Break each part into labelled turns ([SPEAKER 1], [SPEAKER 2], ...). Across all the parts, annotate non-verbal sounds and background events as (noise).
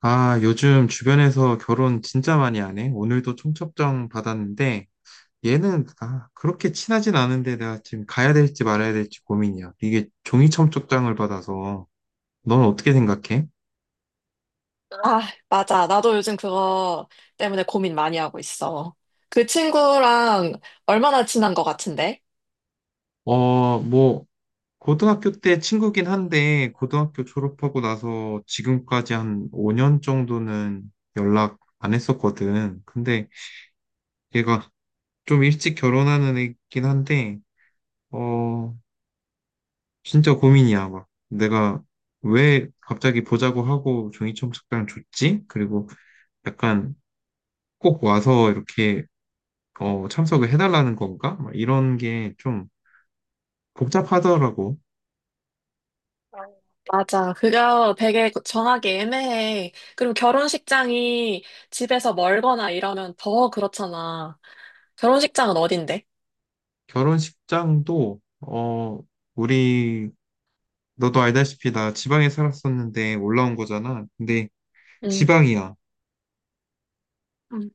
[SPEAKER 1] 아, 요즘 주변에서 결혼 진짜 많이 안 해. 오늘도 청첩장 받았는데, 얘는, 아, 그렇게 친하진 않은데 내가 지금 가야 될지 말아야 될지 고민이야. 이게 종이 청첩장을 받아서, 넌 어떻게 생각해?
[SPEAKER 2] 아, 맞아. 나도 요즘 그거 때문에 고민 많이 하고 있어. 그 친구랑 얼마나 친한 것 같은데?
[SPEAKER 1] 어, 뭐, 고등학교 때 친구긴 한데, 고등학교 졸업하고 나서 지금까지 한 5년 정도는 연락 안 했었거든. 근데 얘가 좀 일찍 결혼하는 애긴 한데, 어, 진짜 고민이야, 막. 내가 왜 갑자기 보자고 하고 종이첨 석장을 줬지? 그리고 약간 꼭 와서 이렇게 어, 참석을 해달라는 건가? 막 이런 게 좀 복잡하더라고.
[SPEAKER 2] 맞아. 그거 되게 정하기 애매해. 그리고 결혼식장이 집에서 멀거나 이러면 더 그렇잖아. 결혼식장은 어딘데?
[SPEAKER 1] 결혼식장도, 어, 우리, 너도 알다시피 나 지방에 살았었는데 올라온 거잖아. 근데
[SPEAKER 2] 응.
[SPEAKER 1] 지방이야.
[SPEAKER 2] 응.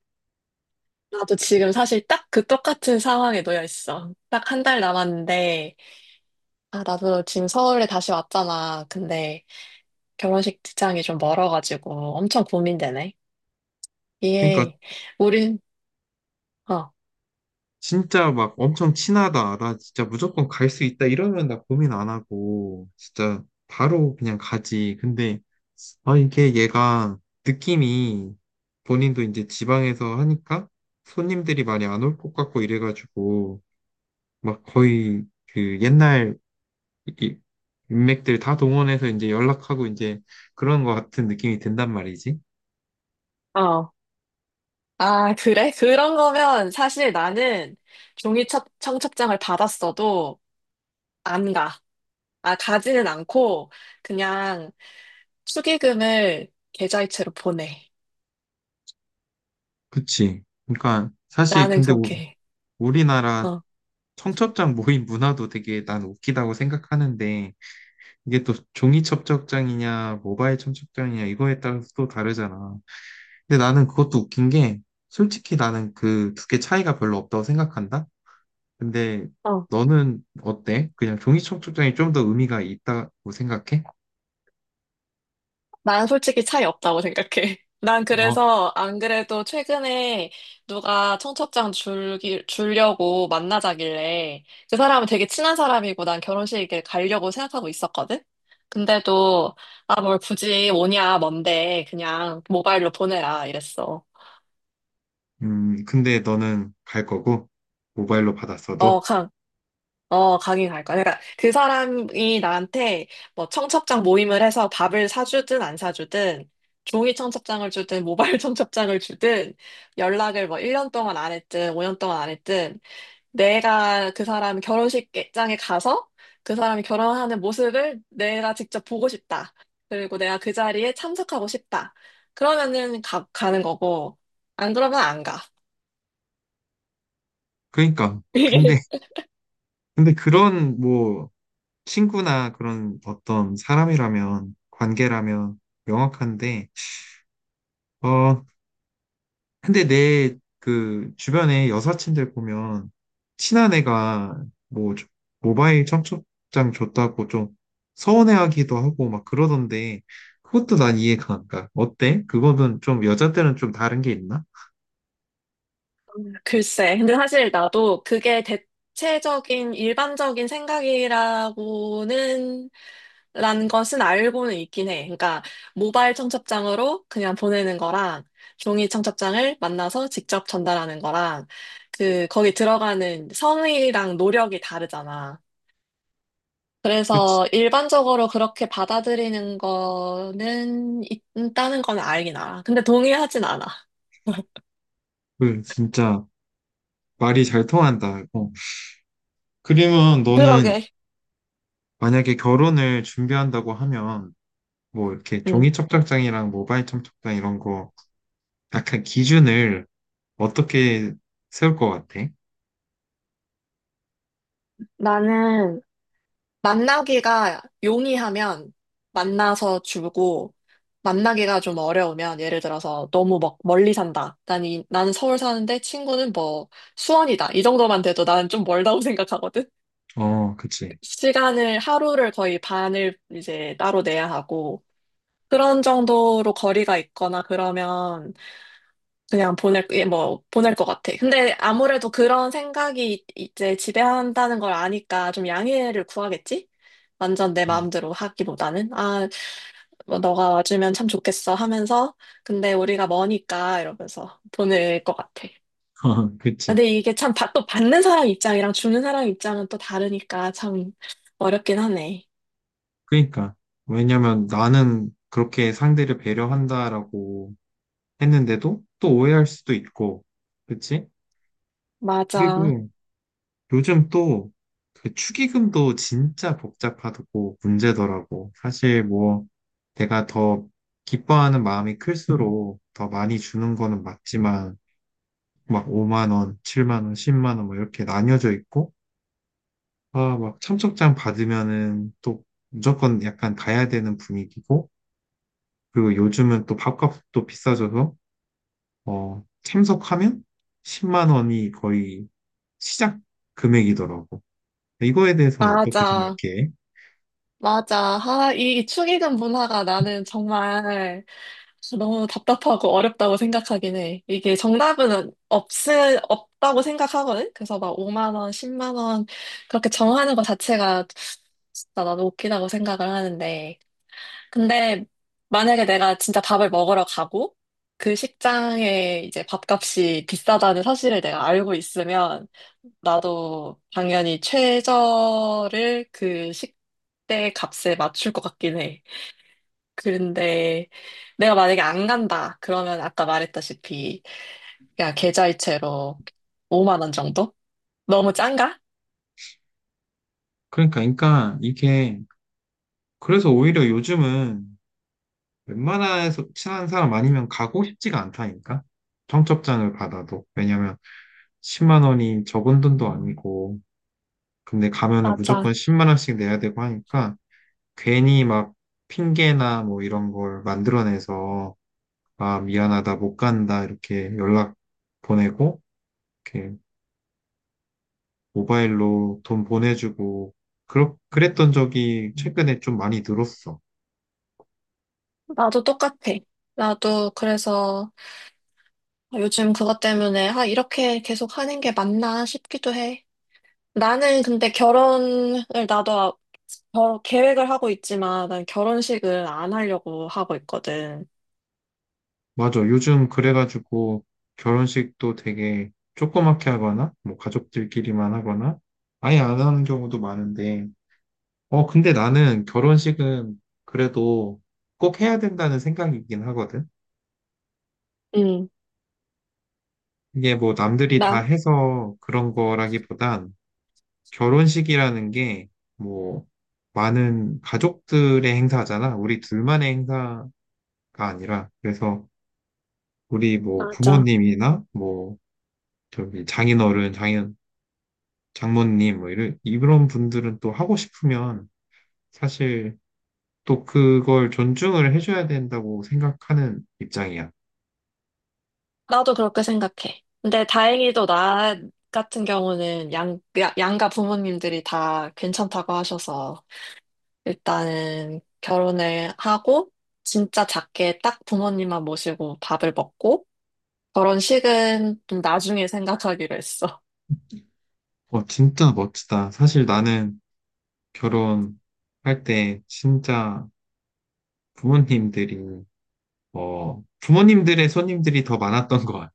[SPEAKER 2] 나도 지금 사실 딱 그 똑같은 상황에 놓여 있어. 딱 한 달 남았는데, 아, 나도 지금 서울에 다시 왔잖아. 근데 결혼식장이 좀 멀어가지고 엄청 고민되네.
[SPEAKER 1] 그러니까
[SPEAKER 2] 예. 우린, 어,
[SPEAKER 1] 진짜 막 엄청 친하다. 나 진짜 무조건 갈 수 있다. 이러면 나 고민 안 하고, 진짜 바로 그냥 가지. 근데, 아, 이게 얘가 느낌이 본인도 이제 지방에서 하니까 손님들이 많이 안 올 것 같고 이래가지고, 막 거의 그 옛날 이- 인맥들 다 동원해서 이제 연락하고 이제 그런 것 같은 느낌이 든단 말이지.
[SPEAKER 2] 어. 아, 그래? 그런 거면 사실 나는 종이 청첩장을 받았어도 안 가. 아, 가지는 않고 그냥 축의금을 계좌이체로 보내.
[SPEAKER 1] 그치. 그러니까 사실
[SPEAKER 2] 나는
[SPEAKER 1] 근데
[SPEAKER 2] 그렇게
[SPEAKER 1] 우,
[SPEAKER 2] 해.
[SPEAKER 1] 리나라
[SPEAKER 2] 어,
[SPEAKER 1] 청첩장 모임 문화도 되게 난 웃기다고 생각하는데 이게 또 종이 청첩장이냐 모바일 청첩장이냐 이거에 따라서 또 다르잖아. 근데 나는 그것도 웃긴 게 솔직히 나는 그 두 개 차이가 별로 없다고 생각한다. 근데
[SPEAKER 2] 어.
[SPEAKER 1] 너는 어때? 그냥 종이 청첩장이 좀 더 의미가 있다고 생각해?
[SPEAKER 2] 난 솔직히 차이 없다고 생각해. (laughs) 난
[SPEAKER 1] 어.
[SPEAKER 2] 그래서 안 그래도 최근에 누가 청첩장 주려고 만나자길래 그 사람은 되게 친한 사람이고 난 결혼식에 가려고 생각하고 있었거든? 근데도 아, 뭘 굳이 오냐, 뭔데 그냥 모바일로 보내라 이랬어.
[SPEAKER 1] 근데 너는 갈 거고 모바일로
[SPEAKER 2] 어,
[SPEAKER 1] 받았어도
[SPEAKER 2] 어, 가긴 갈 거야. 그러니까 그 사람이 나한테 뭐 청첩장 모임을 해서 밥을 사주든 안 사주든 종이 청첩장을 주든 모바일 (laughs) 청첩장을 주든 연락을 뭐 1년 동안 안 했든 5년 동안 안 했든 내가 그 사람 결혼식장에 가서 그 사람이 결혼하는 모습을 내가 직접 보고 싶다. 그리고 내가 그 자리에 참석하고 싶다. 그러면은 가는 거고 안 그러면 안 가.
[SPEAKER 1] 그러니까
[SPEAKER 2] (laughs)
[SPEAKER 1] 근데
[SPEAKER 2] 이게
[SPEAKER 1] 그런 뭐 친구나 그런 어떤 사람이라면, 관계라면 명확한데, 어, 근데 내 그 주변에 여사친들 보면 친한 애가 뭐 모바일 청첩장 줬다고 좀 서운해하기도 하고 막 그러던데, 그것도 난 이해가 안 가. 어때? 그거는 좀 여자들은 좀 다른 게 있나?
[SPEAKER 2] 글쎄. 근데 사실 나도 그게 대체적인 일반적인 생각이라고는 라는 것은 알고는 있긴 해. 그러니까 모바일 청첩장으로 그냥 보내는 거랑 종이 청첩장을 만나서 직접 전달하는 거랑 그 거기 들어가는 성의랑 노력이 다르잖아.
[SPEAKER 1] 그치?
[SPEAKER 2] 그래서 일반적으로 그렇게 받아들이는 거는 있다는 건 알긴 알아. 근데 동의하진 않아.
[SPEAKER 1] 그 진짜 말이 잘 통한다. 어. 그러면 너는
[SPEAKER 2] 그러게.
[SPEAKER 1] 만약에 결혼을 준비한다고 하면 뭐 이렇게
[SPEAKER 2] 음.
[SPEAKER 1] 종이 청첩장이랑 모바일 청첩장 이런 거 약간 기준을 어떻게 세울 것 같아?
[SPEAKER 2] 나는 만나기가 용이하면 만나서 주고, 만나기가 좀 어려우면, 예를 들어서 너무 막 멀리 산다. 나는 서울 사는데 친구는 뭐 수원이다. 이 정도만 돼도 나는 좀 멀다고 (laughs) 생각하거든?
[SPEAKER 1] 어, 그치.
[SPEAKER 2] 하루를 거의 반을 이제 따로 내야 하고, 그런 정도로 거리가 있거나 그러면 그냥 보낼 것 같아. 근데 아무래도 그런 생각이 이제 지배한다는 걸 아니까 좀 양해를 구하겠지? 완전 내
[SPEAKER 1] 음.
[SPEAKER 2] 마음대로 하기보다는, 아, 뭐 너가 와주면 참 좋겠어 하면서, 근데 우리가 머니까 이러면서 보낼 것 같아.
[SPEAKER 1] (laughs)
[SPEAKER 2] 아,
[SPEAKER 1] 그치.
[SPEAKER 2] 근데 이게 참, 또 받는 사람 입장이랑 주는 사람 입장은 또 다르니까 참 어렵긴 하네.
[SPEAKER 1] 그러니까. 왜냐면 나는 그렇게 상대를 배려한다라고 했는데도 또 오해할 수도 있고, 그치?
[SPEAKER 2] 맞아.
[SPEAKER 1] 그리고 요즘 또 그 축의금도 진짜 복잡하고 문제더라고. 사실 뭐 내가 더 기뻐하는 마음이 클수록 더 많이 주는 거는 맞지만, 막 5만 원, 7만 원, 10만 원 뭐 이렇게 나뉘어져 있고 아, 막 참석장 받으면은 또 무조건 약간 가야 되는 분위기고 그리고 요즘은 또 밥값도 비싸져서 어, 참석하면 10만 원이 거의 시작 금액이더라고. 이거에 대해서는 어떻게
[SPEAKER 2] 맞아.
[SPEAKER 1] 생각해?
[SPEAKER 2] 맞아. 아, 이 축의금 문화가 나는 정말 너무 답답하고 어렵다고 생각하긴 해. 이게 정답은 없다고 생각하거든? 그래서 막 5만 원, 10만 원 그렇게 정하는 것 자체가 진짜 나도 웃기다고 생각을 하는데. 근데 만약에 내가 진짜 밥을 먹으러 가고 그 식장에 이제 밥값이 비싸다는 사실을 내가 알고 있으면 나도 당연히 최저를 그 식대 값에 맞출 것 같긴 해. 그런데 내가 만약에 안 간다. 그러면 아까 말했다시피 그냥 계좌이체로 5만 원 정도? 너무 짠가?
[SPEAKER 1] 그러니까, 이게 그래서 오히려 요즘은 웬만해서 친한 사람 아니면 가고 싶지가 않다니까. 청첩장을 받아도. 왜냐면 10만 원이 적은 돈도 아니고, 근데 가면은
[SPEAKER 2] 맞아.
[SPEAKER 1] 무조건 10만 원씩 내야 되고 하니까, 괜히 막 핑계나 뭐 이런 걸 만들어내서, 아, 미안하다, 못 간다, 이렇게 연락 보내고, 이렇게 모바일로 돈 보내주고, 그랬던 적이 최근에 좀 많이 늘었어.
[SPEAKER 2] 나도 똑같아. 나도 그래서 요즘 그것 때문에 아, 이렇게 계속 하는 게 맞나 싶기도 해. 나는 근데 결혼을 나도 계획을 하고 있지만 난 결혼식을 안 하려고 하고 있거든.
[SPEAKER 1] 맞아. 요즘 그래가지고 결혼식도 되게 조그맣게 하거나, 뭐 가족들끼리만 하거나, 아예 안 하는 경우도 많은데, 어, 근데 나는 결혼식은 그래도 꼭 해야 된다는 생각이긴 하거든. 이게 뭐 남들이 다
[SPEAKER 2] 나,
[SPEAKER 1] 해서 그런 거라기보단 결혼식이라는 게 뭐 많은 가족들의 행사잖아. 우리 둘만의 행사가 아니라. 그래서 우리 뭐
[SPEAKER 2] 맞아.
[SPEAKER 1] 부모님이나 뭐 저기 장인어른, 장인 장모님 뭐 이런 분들은 또 하고 싶으면 사실 또 그걸 존중을 해줘야 된다고 생각하는 입장이야.
[SPEAKER 2] 나도 그렇게 생각해. 근데 다행히도 나 같은 경우는 양가 부모님들이 다 괜찮다고 하셔서 일단은 결혼을 하고 진짜 작게 딱 부모님만 모시고 밥을 먹고 결혼식은 좀 나중에 생각하기로 했어.
[SPEAKER 1] 어, 진짜 멋지다. 사실 나는 결혼할 때 진짜 부모님들이 어, 부모님들의 손님들이 더 많았던 것 같아.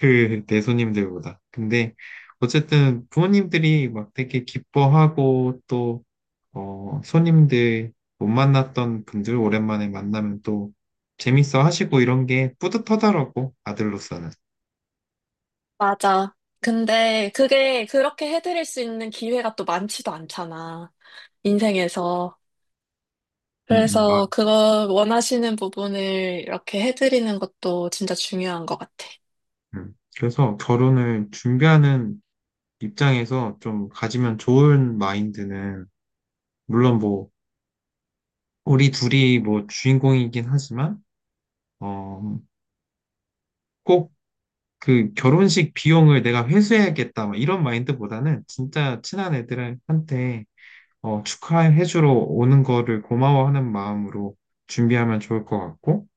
[SPEAKER 1] 그 내 손님들보다. 근데 어쨌든 부모님들이 막 되게 기뻐하고 또 어, 손님들 못 만났던 분들 오랜만에 만나면 또 재밌어 하시고 이런 게 뿌듯하더라고, 아들로서는.
[SPEAKER 2] 맞아. 근데 그게 그렇게 해드릴 수 있는 기회가 또 많지도 않잖아. 인생에서. 그래서
[SPEAKER 1] 막,
[SPEAKER 2] 그거 원하시는 부분을 이렇게 해드리는 것도 진짜 중요한 것 같아.
[SPEAKER 1] 그래서 결혼을 준비하는 입장에서 좀 가지면 좋은 마인드는, 물론 뭐, 우리 둘이 뭐 주인공이긴 하지만, 어, 꼭 그 결혼식 비용을 내가 회수해야겠다, 막 이런 마인드보다는 진짜 친한 애들한테 어, 축하해주러 오는 거를 고마워하는 마음으로 준비하면 좋을 것 같고,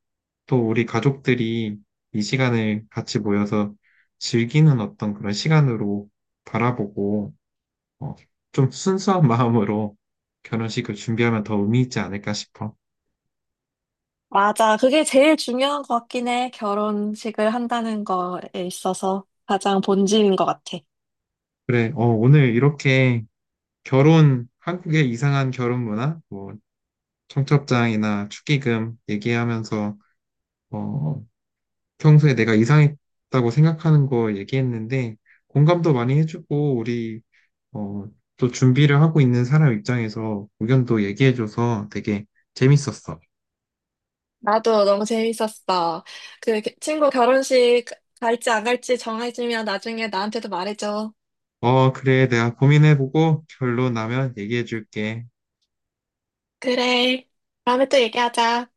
[SPEAKER 1] 또 우리 가족들이 이 시간을 같이 모여서 즐기는 어떤 그런 시간으로 바라보고, 어, 좀 순수한 (laughs) 마음으로 결혼식을 준비하면 더 의미 있지 않을까 싶어.
[SPEAKER 2] 맞아. 그게 제일 중요한 것 같긴 해. 결혼식을 한다는 거에 있어서 가장 본질인 것 같아.
[SPEAKER 1] 그래, 어, 오늘 이렇게 결혼, 한국의 이상한 결혼 문화, 뭐, 청첩장이나 축의금 얘기하면서, 어, 평소에 내가 이상했다고 생각하는 거 얘기했는데 공감도 많이 해주고 우리 어, 또 준비를 하고 있는 사람 입장에서 의견도 얘기해줘서 되게 재밌었어.
[SPEAKER 2] 나도 너무 재밌었어. 그 친구 결혼식 갈지 안 갈지 정해지면 나중에 나한테도 말해줘.
[SPEAKER 1] 어, 그래. 내가 고민해보고 결론 나면 얘기해줄게.
[SPEAKER 2] 그래. 다음에 또 얘기하자.